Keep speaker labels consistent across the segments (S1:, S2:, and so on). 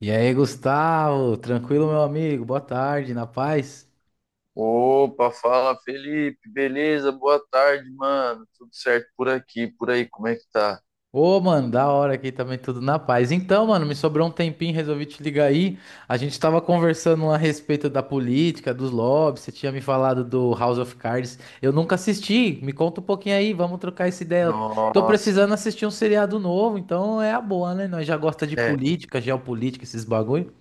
S1: E aí, Gustavo, tranquilo, meu amigo? Boa tarde, na paz?
S2: Opa, fala Felipe, beleza? Boa tarde, mano. Tudo certo por aqui, por aí, como é que tá?
S1: Ô, mano, da hora aqui também, tudo na paz. Então, mano, me sobrou um tempinho, resolvi te ligar aí. A gente tava conversando a respeito da política, dos lobbies, você tinha me falado do House of Cards. Eu nunca assisti, me conta um pouquinho aí, vamos trocar essa ideia. Eu tô
S2: Nossa,
S1: precisando assistir um seriado novo, então é a boa, né? Nós já gosta de
S2: é.
S1: política, geopolítica, esses bagulho.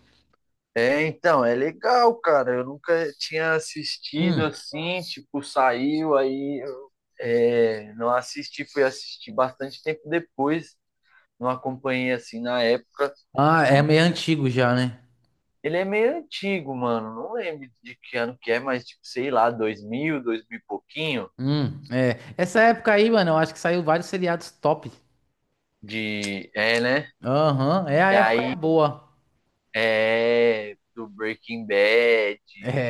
S2: É, então, é legal, cara. Eu nunca tinha assistido
S1: Hum.
S2: assim, tipo, saiu aí, não assisti, fui assistir bastante tempo depois, não acompanhei assim na época.
S1: Ah, é meio antigo já, né?
S2: Ele é meio antigo, mano. Não lembro de que ano que é, mas tipo, sei lá, 2000, 2000 e pouquinho
S1: É. Essa época aí, mano, eu acho que saiu vários seriados top.
S2: né?
S1: Aham, é a
S2: E
S1: época
S2: aí
S1: boa.
S2: é, do Breaking Bad,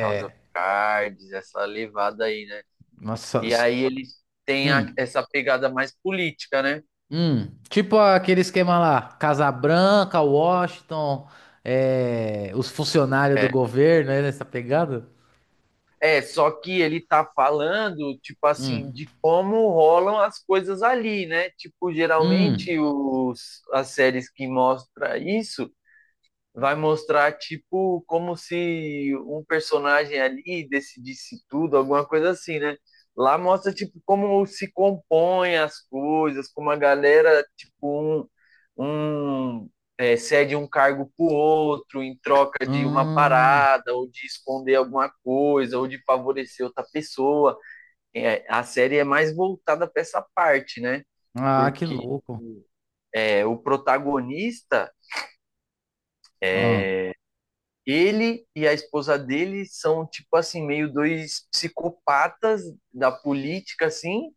S2: House of Cards, essa levada aí, né?
S1: nossa.
S2: E aí eles têm
S1: Hum,
S2: essa pegada mais política, né?
S1: Tipo aquele esquema lá, Casa Branca, Washington, é, os funcionários do
S2: É.
S1: governo, né, nessa pegada?
S2: É, só que ele tá falando, tipo assim,
S1: Hum,
S2: de como rolam as coisas ali, né? Tipo,
S1: hum,
S2: geralmente as séries que mostram isso vai mostrar tipo como se um personagem ali decidisse tudo, alguma coisa assim, né? Lá mostra tipo como se compõem as coisas, como a galera tipo um cede um cargo pro outro em troca de uma
S1: hum.
S2: parada ou de esconder alguma coisa ou de favorecer outra pessoa. É, a série é mais voltada para essa parte, né?
S1: Ah, que
S2: Porque
S1: louco.
S2: o protagonista.
S1: Ah,
S2: Ele e a esposa dele são, tipo assim, meio dois psicopatas da política, assim,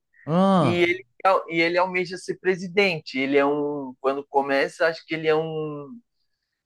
S2: e
S1: ah,
S2: ele, e ele almeja ser presidente. Ele é um, quando começa, acho que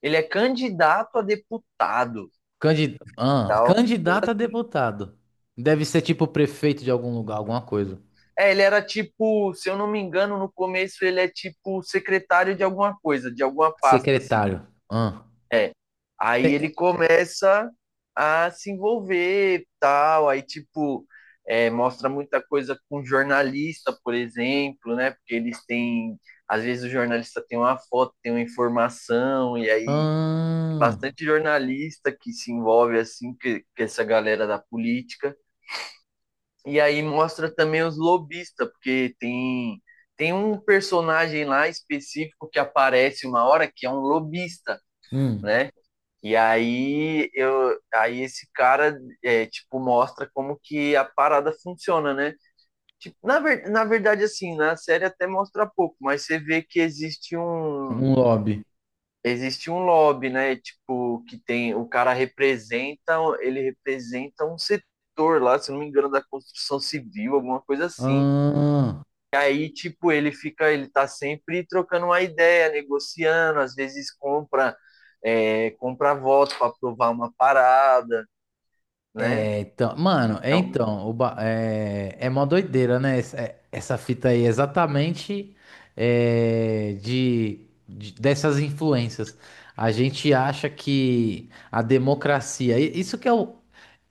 S2: ele é candidato a deputado,
S1: candi ah,
S2: tal. Coisa
S1: candidato a
S2: assim.
S1: deputado. Deve ser tipo prefeito de algum lugar, alguma coisa.
S2: É, ele era tipo, se eu não me engano, no começo ele é tipo secretário de alguma coisa, de alguma pasta, assim.
S1: Secretário. Ah,
S2: É. Aí
S1: Te-
S2: ele começa a se envolver, tal, aí tipo mostra muita coisa com jornalista, por exemplo, né? Porque eles têm, às vezes o jornalista tem uma foto, tem uma informação, e aí
S1: ah,
S2: bastante jornalista que se envolve assim que essa galera da política. E aí mostra também os lobistas, porque tem um personagem lá específico que aparece uma hora que é um lobista,
S1: hum,
S2: né? E aí esse cara é, tipo mostra como que a parada funciona, né? Tipo, na verdade assim, na série até mostra pouco, mas você vê que
S1: um lobby.
S2: existe um lobby, né? Tipo que tem o cara representa, ele representa um setor lá, se não me engano, da construção civil, alguma coisa assim.
S1: Ah,
S2: E aí tipo ele fica, ele tá sempre trocando uma ideia, negociando, às vezes comprar voto para aprovar uma parada, né?
S1: é, então, mano, é
S2: Então,
S1: então, é, é mó doideira, né? Essa, essa fita aí, exatamente é, dessas influências. A gente acha que a democracia, isso que é o,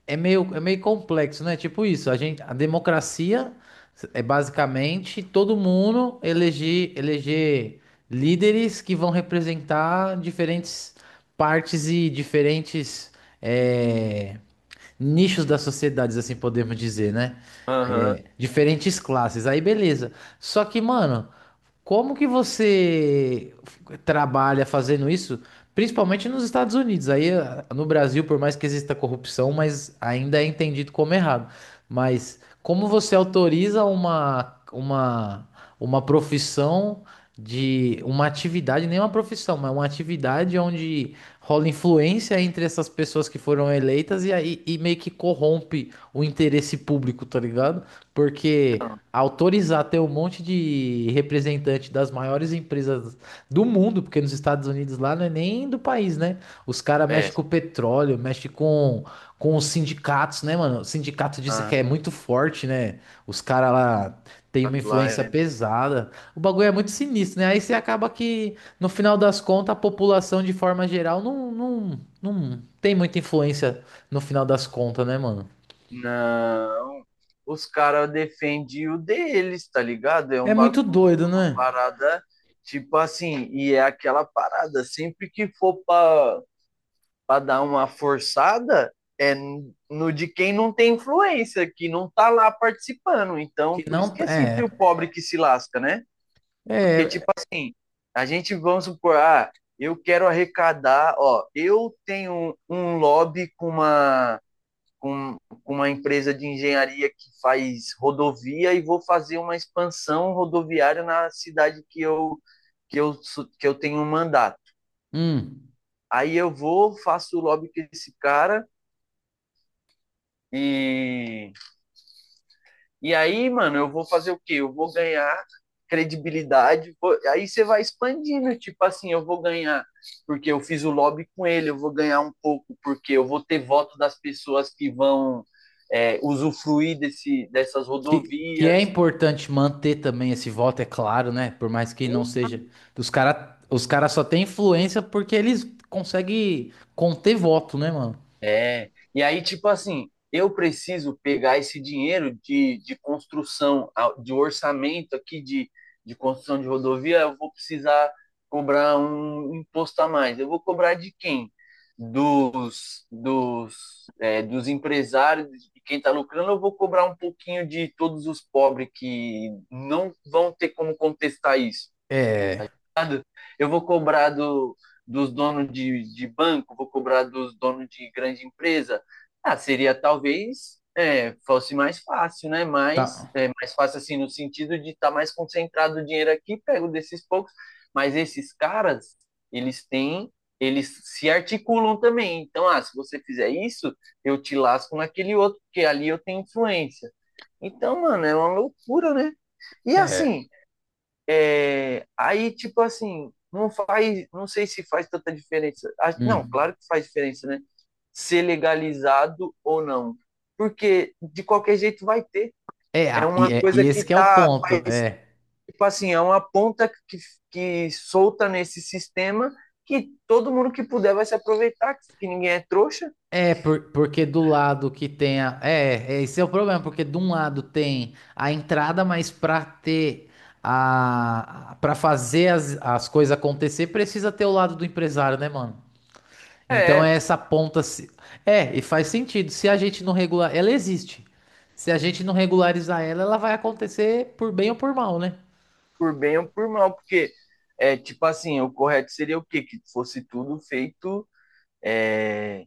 S1: é meio, é meio complexo, né? Tipo isso, a gente, a democracia é basicamente todo mundo eleger, eleger líderes que vão representar diferentes partes e diferentes é, nichos das sociedades assim podemos dizer, né?
S2: aham,
S1: É, diferentes classes. Aí beleza. Só que, mano, como que você trabalha fazendo isso? Principalmente nos Estados Unidos. Aí no Brasil, por mais que exista corrupção, mas ainda é entendido como errado. Mas como você autoriza uma profissão de uma atividade, nem uma profissão, mas uma atividade onde rola influência entre essas pessoas que foram eleitas e aí e meio que corrompe o interesse público, tá ligado? Porque
S2: então
S1: autorizar ter um monte de representante das maiores empresas do mundo, porque nos Estados Unidos lá não é nem do país, né? Os caras
S2: é,
S1: mexem com petróleo, mexem com os sindicatos, né, mano? O sindicato diz que
S2: aham.
S1: é muito forte, né? Os caras lá têm uma
S2: Fato lá
S1: influência
S2: é.
S1: pesada. O bagulho é muito sinistro, né? Aí você acaba que, no final das contas, a população, de forma geral, não tem muita influência no final das contas, né, mano?
S2: Não. Os caras defendem o deles, tá ligado? É um
S1: É muito
S2: bagulho, é
S1: doido,
S2: uma
S1: né?
S2: parada, tipo assim, e é aquela parada, sempre pra dar uma forçada, é no de quem não tem influência, que não tá lá participando.
S1: Que
S2: Então, por isso
S1: não.
S2: que é sempre
S1: É.
S2: o pobre que se lasca, né? Porque,
S1: É,
S2: a gente, vamos supor, ah, eu quero arrecadar, ó, eu tenho um lobby com, com uma empresa de engenharia que faz rodovia e vou fazer uma expansão rodoviária na cidade que eu, que eu tenho um mandato.
S1: hum,
S2: Aí eu vou, faço o lobby com esse cara e E aí, mano, eu vou fazer o quê? Eu vou ganhar credibilidade. Aí você vai expandindo, tipo assim, eu vou ganhar porque eu fiz o lobby com ele, eu vou ganhar um pouco porque eu vou ter voto das pessoas que vão usufruir dessas
S1: que é
S2: rodovias.
S1: importante manter também esse voto, é claro, né? Por mais que não seja. Os cara só têm influência porque eles conseguem conter voto, né, mano?
S2: É, e aí, tipo assim, eu preciso pegar esse dinheiro de construção, de orçamento aqui de construção de rodovia, eu vou precisar cobrar um imposto a mais. Eu vou cobrar de quem? Dos dos empresários, de quem está lucrando, eu vou cobrar um pouquinho de todos os pobres que não vão ter como contestar isso,
S1: É,
S2: tá ligado? Eu vou cobrar dos donos de banco, vou cobrar dos donos de grande empresa. Ah, seria talvez fosse mais fácil, né? Mas
S1: tá.
S2: é, mais fácil assim no sentido de estar tá mais concentrado o dinheiro aqui, pego desses poucos. Mas esses caras, eles têm eles se articulam também. Então, ah, se você fizer isso, eu te lasco naquele outro, porque ali eu tenho influência. Então, mano, é uma loucura, né? E
S1: É.
S2: assim, é, aí, tipo assim, não faz, não sei se faz tanta diferença. Ah, não,
S1: Hum.
S2: claro que faz diferença, né? Ser legalizado ou não. Porque de qualquer jeito vai ter.
S1: É,
S2: É uma
S1: e, é, e
S2: coisa
S1: esse
S2: que
S1: que é o
S2: tá,
S1: ponto.
S2: faz,
S1: É.
S2: tipo assim, é uma ponta que solta nesse sistema que todo mundo que puder vai se aproveitar, que ninguém é trouxa.
S1: É, porque do lado que tem a. É, é, esse é o problema, porque de um lado tem a entrada, mas pra ter. A, pra fazer as, as coisas acontecer, precisa ter o lado do empresário, né, mano? Então é
S2: É,
S1: essa ponta. É, e faz sentido. Se a gente não regular. Ela existe. Se a gente não regularizar ela, ela vai acontecer por bem ou por mal, né?
S2: por bem ou por mal, porque é tipo assim, o correto seria o quê? Que fosse tudo feito é,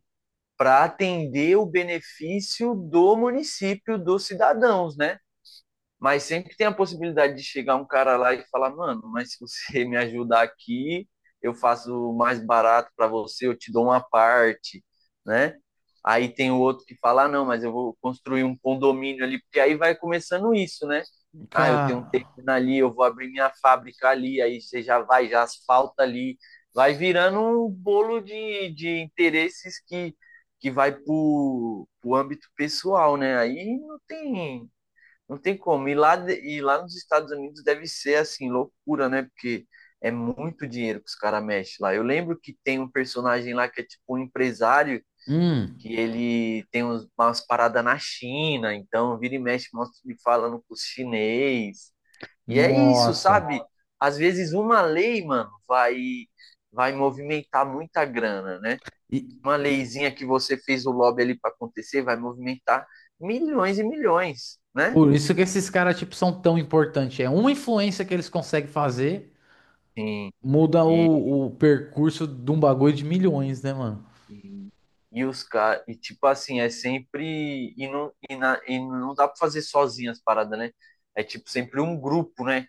S2: para atender o benefício do município, dos cidadãos, né? Mas sempre tem a possibilidade de chegar um cara lá e falar, mano, mas se você me ajudar aqui, eu faço mais barato para você, eu te dou uma parte, né? Aí tem o outro que fala, ah, não, mas eu vou construir um condomínio ali, porque aí vai começando isso, né? Ah, eu
S1: Cara,
S2: tenho um terreno ali, eu vou abrir minha fábrica ali, aí você já vai, já asfalta ali, vai virando um bolo de interesses que vai pro âmbito pessoal, né? Aí não tem, não tem como. E lá, e lá nos Estados Unidos deve ser assim, loucura, né? Porque é muito dinheiro que os caras mexem lá. Eu lembro que tem um personagem lá que é tipo um empresário,
S1: hum.
S2: que ele tem umas paradas na China, então vira e mexe, mostra ele falando com os chinês. E é isso,
S1: Nossa.
S2: sabe? Às vezes uma lei, mano, vai, vai movimentar muita grana, né?
S1: E
S2: Uma leizinha que você fez o lobby ali para acontecer vai movimentar milhões e milhões, né?
S1: por isso que esses caras, tipo, são tão importantes. É uma influência que eles conseguem fazer,
S2: Sim.
S1: muda
S2: E
S1: o percurso de um bagulho de milhões, né, mano?
S2: E, e os caras, e tipo assim, é sempre. E não dá pra fazer sozinho as paradas, né? É tipo sempre um grupo, né?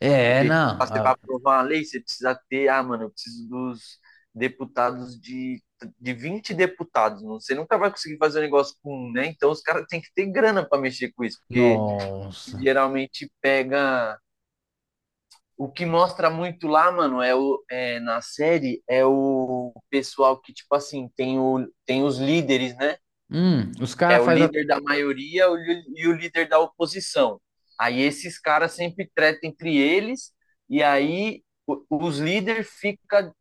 S1: É,
S2: Porque tipo,
S1: não.
S2: ah, você vai
S1: Ah,
S2: aprovar uma lei, você precisa ter, ah, mano, eu preciso dos deputados de 20 deputados. Você nunca vai conseguir fazer um negócio com um, né? Então os caras têm que ter grana pra mexer com isso, porque
S1: nossa.
S2: geralmente pega. O que mostra muito lá, mano, na série é o pessoal que, tipo assim, tem, o, tem os líderes, né?
S1: Os
S2: É
S1: caras
S2: o
S1: fazem a.
S2: líder da maioria e o líder da oposição. Aí esses caras sempre tretam entre eles, e aí os líderes ficam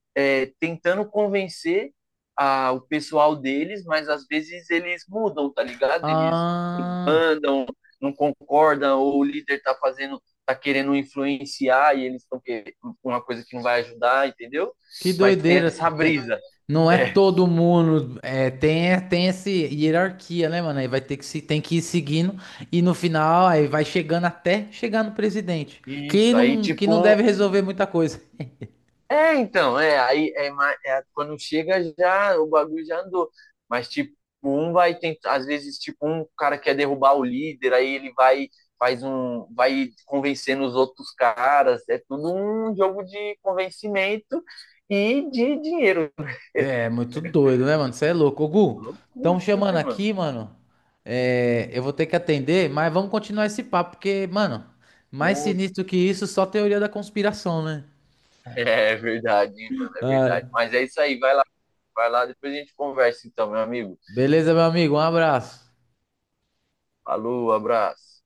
S2: tentando convencer o pessoal deles, mas às vezes eles mudam, tá ligado? Eles
S1: Ah.
S2: mandam, não concordam, ou o líder tá fazendo, tá querendo influenciar e eles estão querendo uma coisa que não vai ajudar, entendeu?
S1: Que
S2: Mas tem
S1: doideira.
S2: essa
S1: Tem...
S2: brisa.
S1: Não é
S2: É,
S1: todo mundo. É, tem, tem essa hierarquia, né, mano? Aí vai ter que se, tem que ir seguindo e no final aí vai chegando até chegar no presidente.
S2: isso. Aí,
S1: Que não
S2: tipo,
S1: deve resolver muita coisa.
S2: é, então, é, é, quando chega já o bagulho já andou. Mas tipo, um vai tentar, às vezes tipo um cara quer derrubar o líder, aí ele vai faz um vai convencendo os outros caras, é tudo um jogo de convencimento e de dinheiro.
S1: É muito doido, né, mano? Você é louco. Ô, Gu, estão
S2: Loucura,
S1: chamando
S2: né, mano?
S1: aqui, mano. É, eu vou ter que atender, mas vamos continuar esse papo, porque, mano, mais
S2: Bom,
S1: sinistro que isso, só teoria da conspiração, né?
S2: é, é verdade, hein, mano, é
S1: Ai.
S2: verdade. Mas é isso aí, vai lá, depois a gente conversa então, meu amigo.
S1: Beleza, meu amigo? Um abraço.
S2: Falou, abraço.